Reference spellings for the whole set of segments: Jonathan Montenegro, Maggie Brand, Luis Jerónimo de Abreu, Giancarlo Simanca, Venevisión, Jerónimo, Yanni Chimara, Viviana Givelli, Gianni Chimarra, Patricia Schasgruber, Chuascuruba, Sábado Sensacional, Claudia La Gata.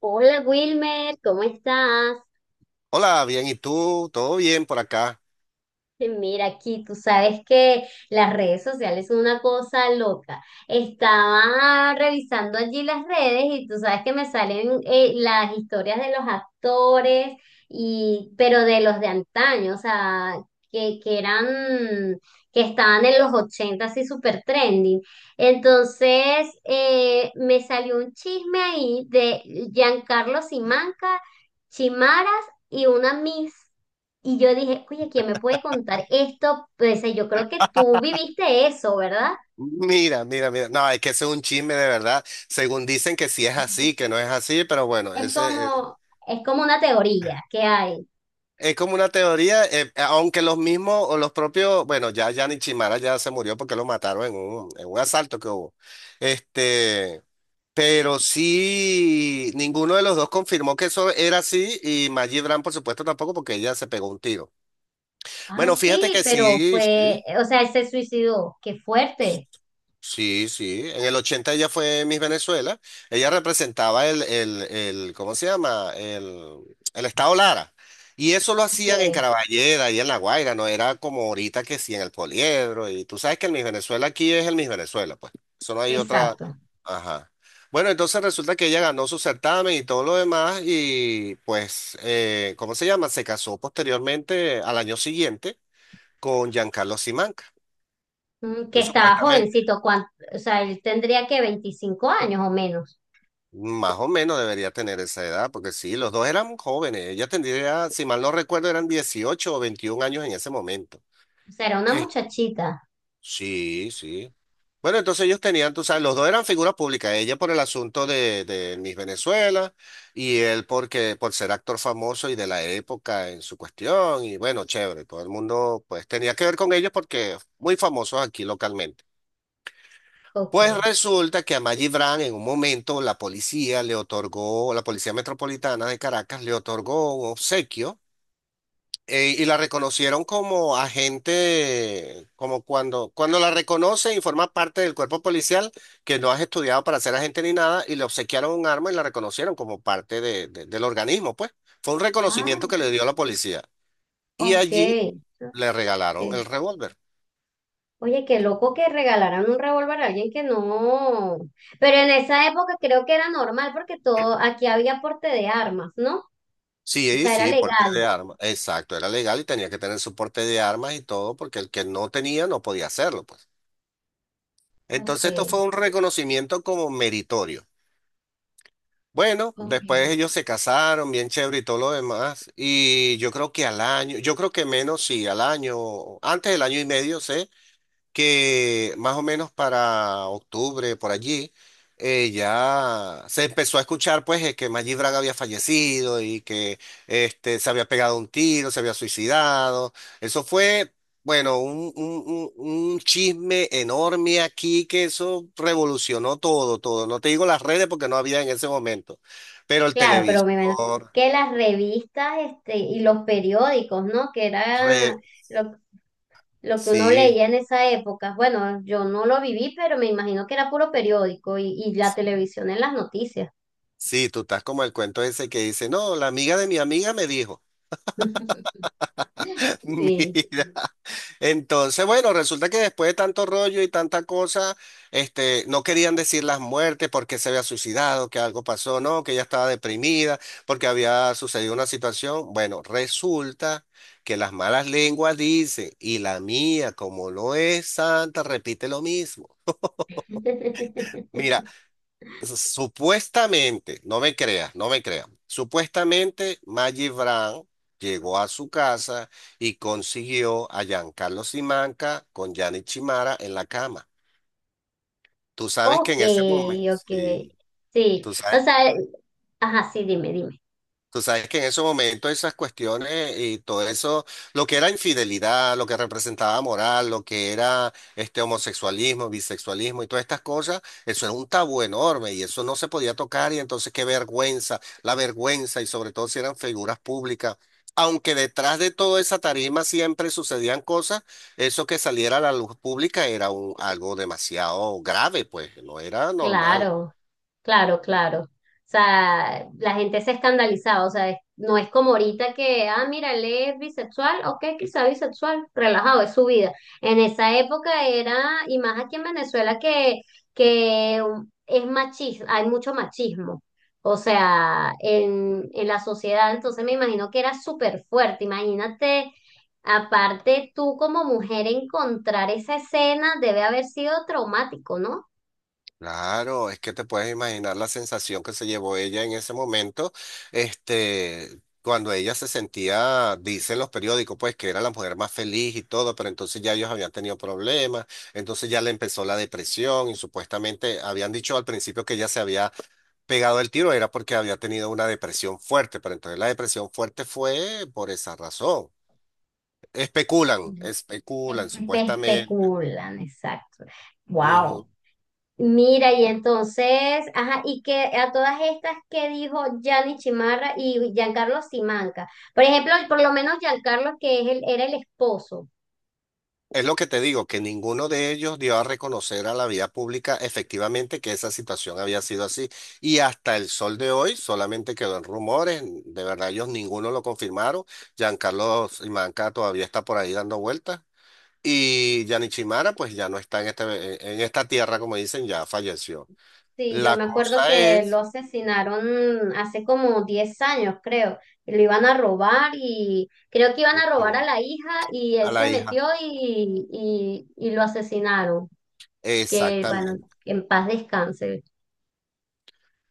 Hola Wilmer, ¿cómo estás? Hola, bien, ¿y tú? ¿Todo bien por acá? Mira aquí, tú sabes que las redes sociales son una cosa loca. Estaba revisando allí las redes y tú sabes que me salen las historias de los actores y pero de los de antaño, o sea, que eran, que estaban en los 80 así súper trending. Entonces, me salió un chisme ahí de Giancarlo Simanca, Chimara y una Miss. Y yo dije, oye, ¿quién me puede contar esto? Pues yo creo que tú viviste eso, ¿verdad? Mira, mira, mira. No, es que ese es un chisme de verdad. Según dicen que sí es así, que no es así, pero bueno, Es ese, como, es como una teoría que hay. es, como una teoría, aunque los mismos o los propios, bueno, ya Yanni Chimara ya se murió porque lo mataron en un asalto que hubo. Este, pero sí, ninguno de los dos confirmó que eso era así y Maggie Brand, por supuesto, tampoco porque ella se pegó un tiro. Ay, Bueno, fíjate sí, que pero sí, fue, sí. o sea, él se suicidó. Qué fuerte. Sí, sí. En el 80 ella fue Miss Venezuela. Ella representaba el ¿cómo se llama? El estado Lara. Y eso lo hacían en Que, Caraballeda y en La Guaira, no era como ahorita que sí en el Poliedro. Y tú sabes que el Miss Venezuela aquí es el Miss Venezuela, pues. Eso no hay otra. exacto. Ajá. Bueno, entonces resulta que ella ganó su certamen y todo lo demás. Y pues, ¿cómo se llama? Se casó posteriormente al año siguiente con Giancarlo Simanca. Mm, que Pues, estaba supuestamente. jovencito, o sea, él tendría que 25 años o menos. Más o menos debería tener esa edad, porque sí, los dos eran jóvenes. Ella tendría, si mal no recuerdo, eran 18 o 21 años en ese momento. O sea, era una Eh, muchachita. sí, sí. Bueno, entonces ellos tenían, tú sabes, los dos eran figuras públicas, ella por el asunto de Miss Venezuela y él porque por ser actor famoso y de la época en su cuestión y bueno, chévere, todo el mundo pues tenía que ver con ellos porque muy famosos aquí localmente. Pues Ok. resulta que a Maggie Brand en un momento la policía le otorgó, la Policía Metropolitana de Caracas le otorgó un obsequio y la reconocieron como agente, como cuando la reconocen y forma parte del cuerpo policial, que no has estudiado para ser agente ni nada, y le obsequiaron un arma y la reconocieron como parte del organismo, pues. Fue un Ah, reconocimiento que le dio la policía. Y ok. allí le regalaron el Ok. revólver. Oye, qué loco que regalaran un revólver a alguien que no. Pero en esa época creo que era normal porque todo, aquí había porte de armas, ¿no? O Sí, sea, era sí, porte legal. de armas. Exacto, era legal y tenía que tener su porte de armas y todo, porque el que no tenía no podía hacerlo, pues. Ok, Entonces esto fue un reconocimiento como meritorio. Bueno, después ok. ellos se casaron, bien chévere y todo lo demás. Y yo creo que al año, yo creo que menos, sí, al año, antes del año y medio, sé que más o menos para octubre, por allí, ya se empezó a escuchar pues que Maggi Braga había fallecido y que se había pegado un tiro, se había suicidado. Eso fue, bueno, un chisme enorme aquí que eso revolucionó todo, todo. No te digo las redes porque no había en ese momento, pero el Claro, pero me imagino televisor, que las revistas, este, y los periódicos, ¿no? Que re- era lo, lo que uno sí. leía en esa época. Bueno, yo no lo viví, pero me imagino que era puro periódico y la televisión en las noticias. Sí, tú estás como el cuento ese que dice, no, la amiga de mi amiga me dijo. Sí. Mira, entonces, bueno, resulta que después de tanto rollo y tanta cosa, no querían decir las muertes, porque se había suicidado, que algo pasó, no, que ella estaba deprimida, porque había sucedido una situación. Bueno, resulta que las malas lenguas dicen, y la mía, como no es santa, repite lo mismo. Mira, supuestamente, no me creas, no me creas. Supuestamente Maggie Brown llegó a su casa y consiguió a Giancarlo Simanca con Gianni Chimara en la cama. Tú sabes que Ok, en ese momento, ok. sí, Sí, tú o sabes. sea, ajá, sí, dime, dime. Tú sabes que en esos momentos esas cuestiones y todo eso, lo que era infidelidad, lo que representaba moral, lo que era este homosexualismo, bisexualismo y todas estas cosas, eso era un tabú enorme y eso no se podía tocar y entonces qué vergüenza, la vergüenza y sobre todo si eran figuras públicas. Aunque detrás de toda esa tarima siempre sucedían cosas, eso que saliera a la luz pública era algo demasiado grave, pues no era normal. Claro. Claro, claro. O sea, la gente se escandalizaba, o sea, no es como ahorita que, ah, mira, él es bisexual, ok, quizá bisexual, relajado, es su vida. En esa época era, y más aquí en Venezuela, que es machismo, hay mucho machismo, o sea, en la sociedad, entonces me imagino que era súper fuerte, imagínate, aparte tú como mujer encontrar esa escena debe haber sido traumático, ¿no? Claro, es que te puedes imaginar la sensación que se llevó ella en ese momento, cuando ella se sentía, dicen los periódicos, pues que era la mujer más feliz y todo, pero entonces ya ellos habían tenido problemas, entonces ya le empezó la depresión y supuestamente habían dicho al principio que ella se había pegado el tiro, era porque había tenido una depresión fuerte, pero entonces la depresión fuerte fue por esa razón. Especulan, especulan Espe- supuestamente. especulan, exacto. Wow. Mira, y entonces, ajá, y que a todas estas que dijo Gianni Chimarra y Giancarlo Simanca. Por ejemplo, por lo menos Giancarlo, que es era el esposo. Es lo que te digo, que ninguno de ellos dio a reconocer a la vía pública efectivamente que esa situación había sido así. Y hasta el sol de hoy solamente quedó en rumores. De verdad, ellos ninguno lo confirmaron. Giancarlo Simanca todavía está por ahí dando vueltas. Y Yanichimara, pues ya no está en, en esta tierra, como dicen, ya falleció. Sí, yo La me acuerdo cosa que lo es asesinaron hace como 10 años, creo. Lo iban a robar y creo que iban a robar Ujú. a la hija y A él la se hija. metió y lo asesinaron. Que bueno, Exactamente. en paz descanse.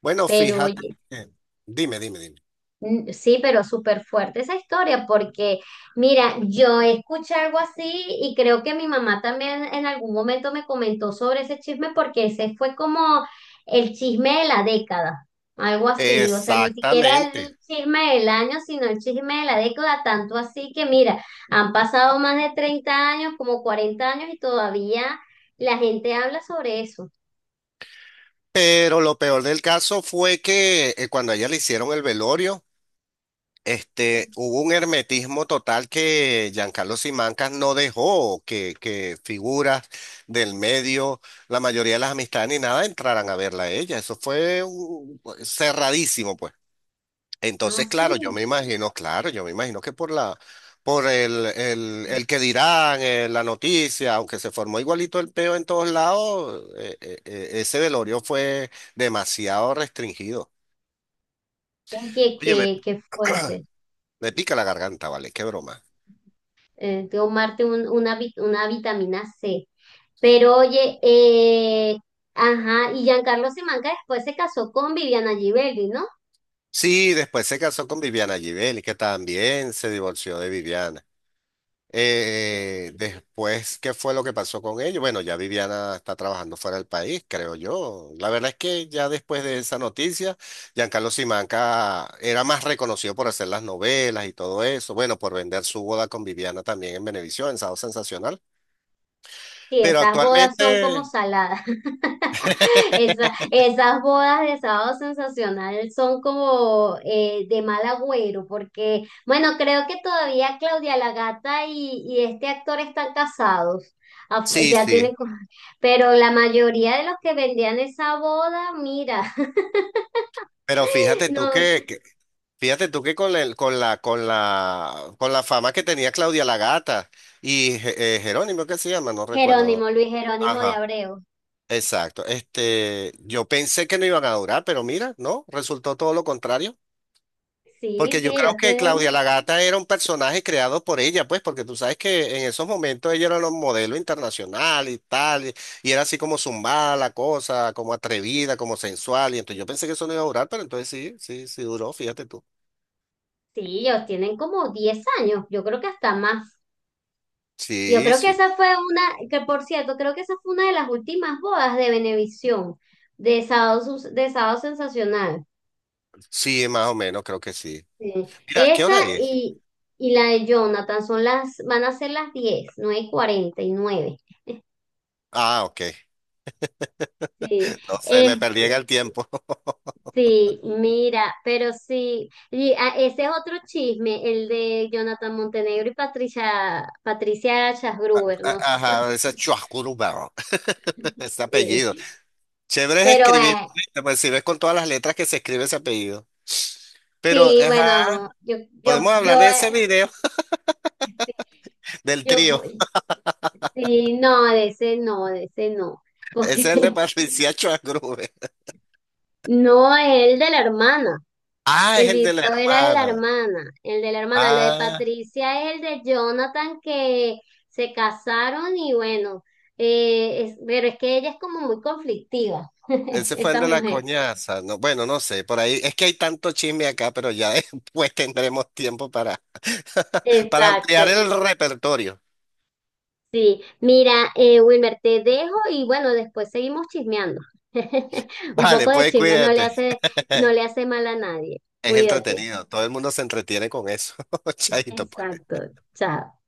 Bueno, Pero fíjate. oye. que- Dime, dime, dime. Mm, sí, pero súper fuerte esa historia porque, mira, yo escuché algo así y creo que mi mamá también en algún momento me comentó sobre ese chisme porque ese fue como el chisme de la década, algo así, o sea, ni siquiera Exactamente. el chisme del año, sino el chisme de la década, tanto así que, mira, han pasado más de 30 años, como 40 años y todavía la gente habla sobre eso. Pero lo peor del caso fue que cuando a ella le hicieron el velorio, hubo un hermetismo total que Giancarlo Simancas no dejó que figuras del medio, la mayoría de las amistades ni nada, entraran a verla a ella. Eso fue pues, cerradísimo, pues. No, Entonces, claro, yo sí, me imagino, claro, yo me imagino que por la, por el, que dirán, la noticia, aunque se formó igualito el peo en todos lados, ese velorio fue demasiado restringido. oye, Oye, me, qué fuerte. me pica la garganta, ¿vale? Qué broma. Tomarte una vitamina C. Pero oye, ajá, y Giancarlo Simanca después se casó con Viviana Givelli, ¿no? Sí, después se casó con Viviana Givelli, que también se divorció de Viviana. Mm. Después, ¿qué fue lo que pasó con ellos? Bueno, ya Viviana está trabajando fuera del país, creo yo. La verdad es que ya después de esa noticia, Giancarlo Simanca era más reconocido por hacer las novelas y todo eso. Bueno, por vender su boda con Viviana también en Venevisión, en Sábado Sensacional. Sí, Pero esas bodas son como actualmente, saladas. Esa- esas bodas de Sábado Sensacional son como de mal agüero, porque, bueno, creo que todavía Claudia La Gata y este actor están casados. Sí, Ya tienen, sí. Pero la mayoría de los que vendían esa boda, mira. Pero fíjate tú No, que, fíjate tú que con el, con la, con la fama que tenía Claudia La Gata y Jerónimo, ¿qué se llama? No recuerdo. Jerónimo, Luis Jerónimo de Ajá. Abreu. Exacto. Yo pensé que no iban a durar, pero mira, no, resultó todo lo contrario. Sí, Porque yo creo que Claudia la Gata era un personaje creado por ella, pues, porque tú sabes que en esos momentos ella era un modelo internacional y tal, y era así como zumbada la cosa, como atrevida, como sensual, y entonces yo pensé que eso no iba a durar, pero entonces sí, sí, sí duró, fíjate tú. sí, ellos tienen como 10 años, yo creo que hasta más. Yo Sí, creo que sí, esa fue una, que por cierto, creo que esa fue una de las últimas bodas de Venevisión, de Sábado Sensacional. sí, más o menos, creo que sí. Sí. Mira, ¿qué Esa hora es? y la de Jonathan van a ser las 10, 9 y cuarenta y nueve. Ah, ok. Sí. No sé, me Este, perdí en el tiempo. Sí, mira, pero sí, y, ah, ese es otro chisme, el de Jonathan Montenegro y Patricia Schasgruber, ¿no? Ajá, ese es Chuascuruba, ese apellido. Sí, Chévere es pero escribir, ¿viste? Pues si ves con todas las letras que se escribe ese apellido. Pero, sí, ajá, bueno, yo, podemos hablar yo, de ese eh, video del yo, trío. voy- sí, no, de ese no, Ese es porque el de Patricia Chuacrube. No, el de la hermana. Ah, es El el de la video era de la hermana. hermana, el de la hermana. Lo de Ah, Patricia es el de Jonathan que se casaron y bueno, pero es que ella es como muy conflictiva, ese fue el esa de la mujer. coñaza. No, bueno, no sé, por ahí es que hay tanto chisme acá, pero ya después tendremos tiempo para, para ampliar Exacto, el repertorio. sí. Mira, Wilmer, te dejo y bueno, después seguimos chismeando. Un Vale, poco de pues chisme cuídate. No le hace mal a nadie. Es Cuídate. entretenido, todo el mundo se entretiene con eso. Chaito, pues. Exacto, chao.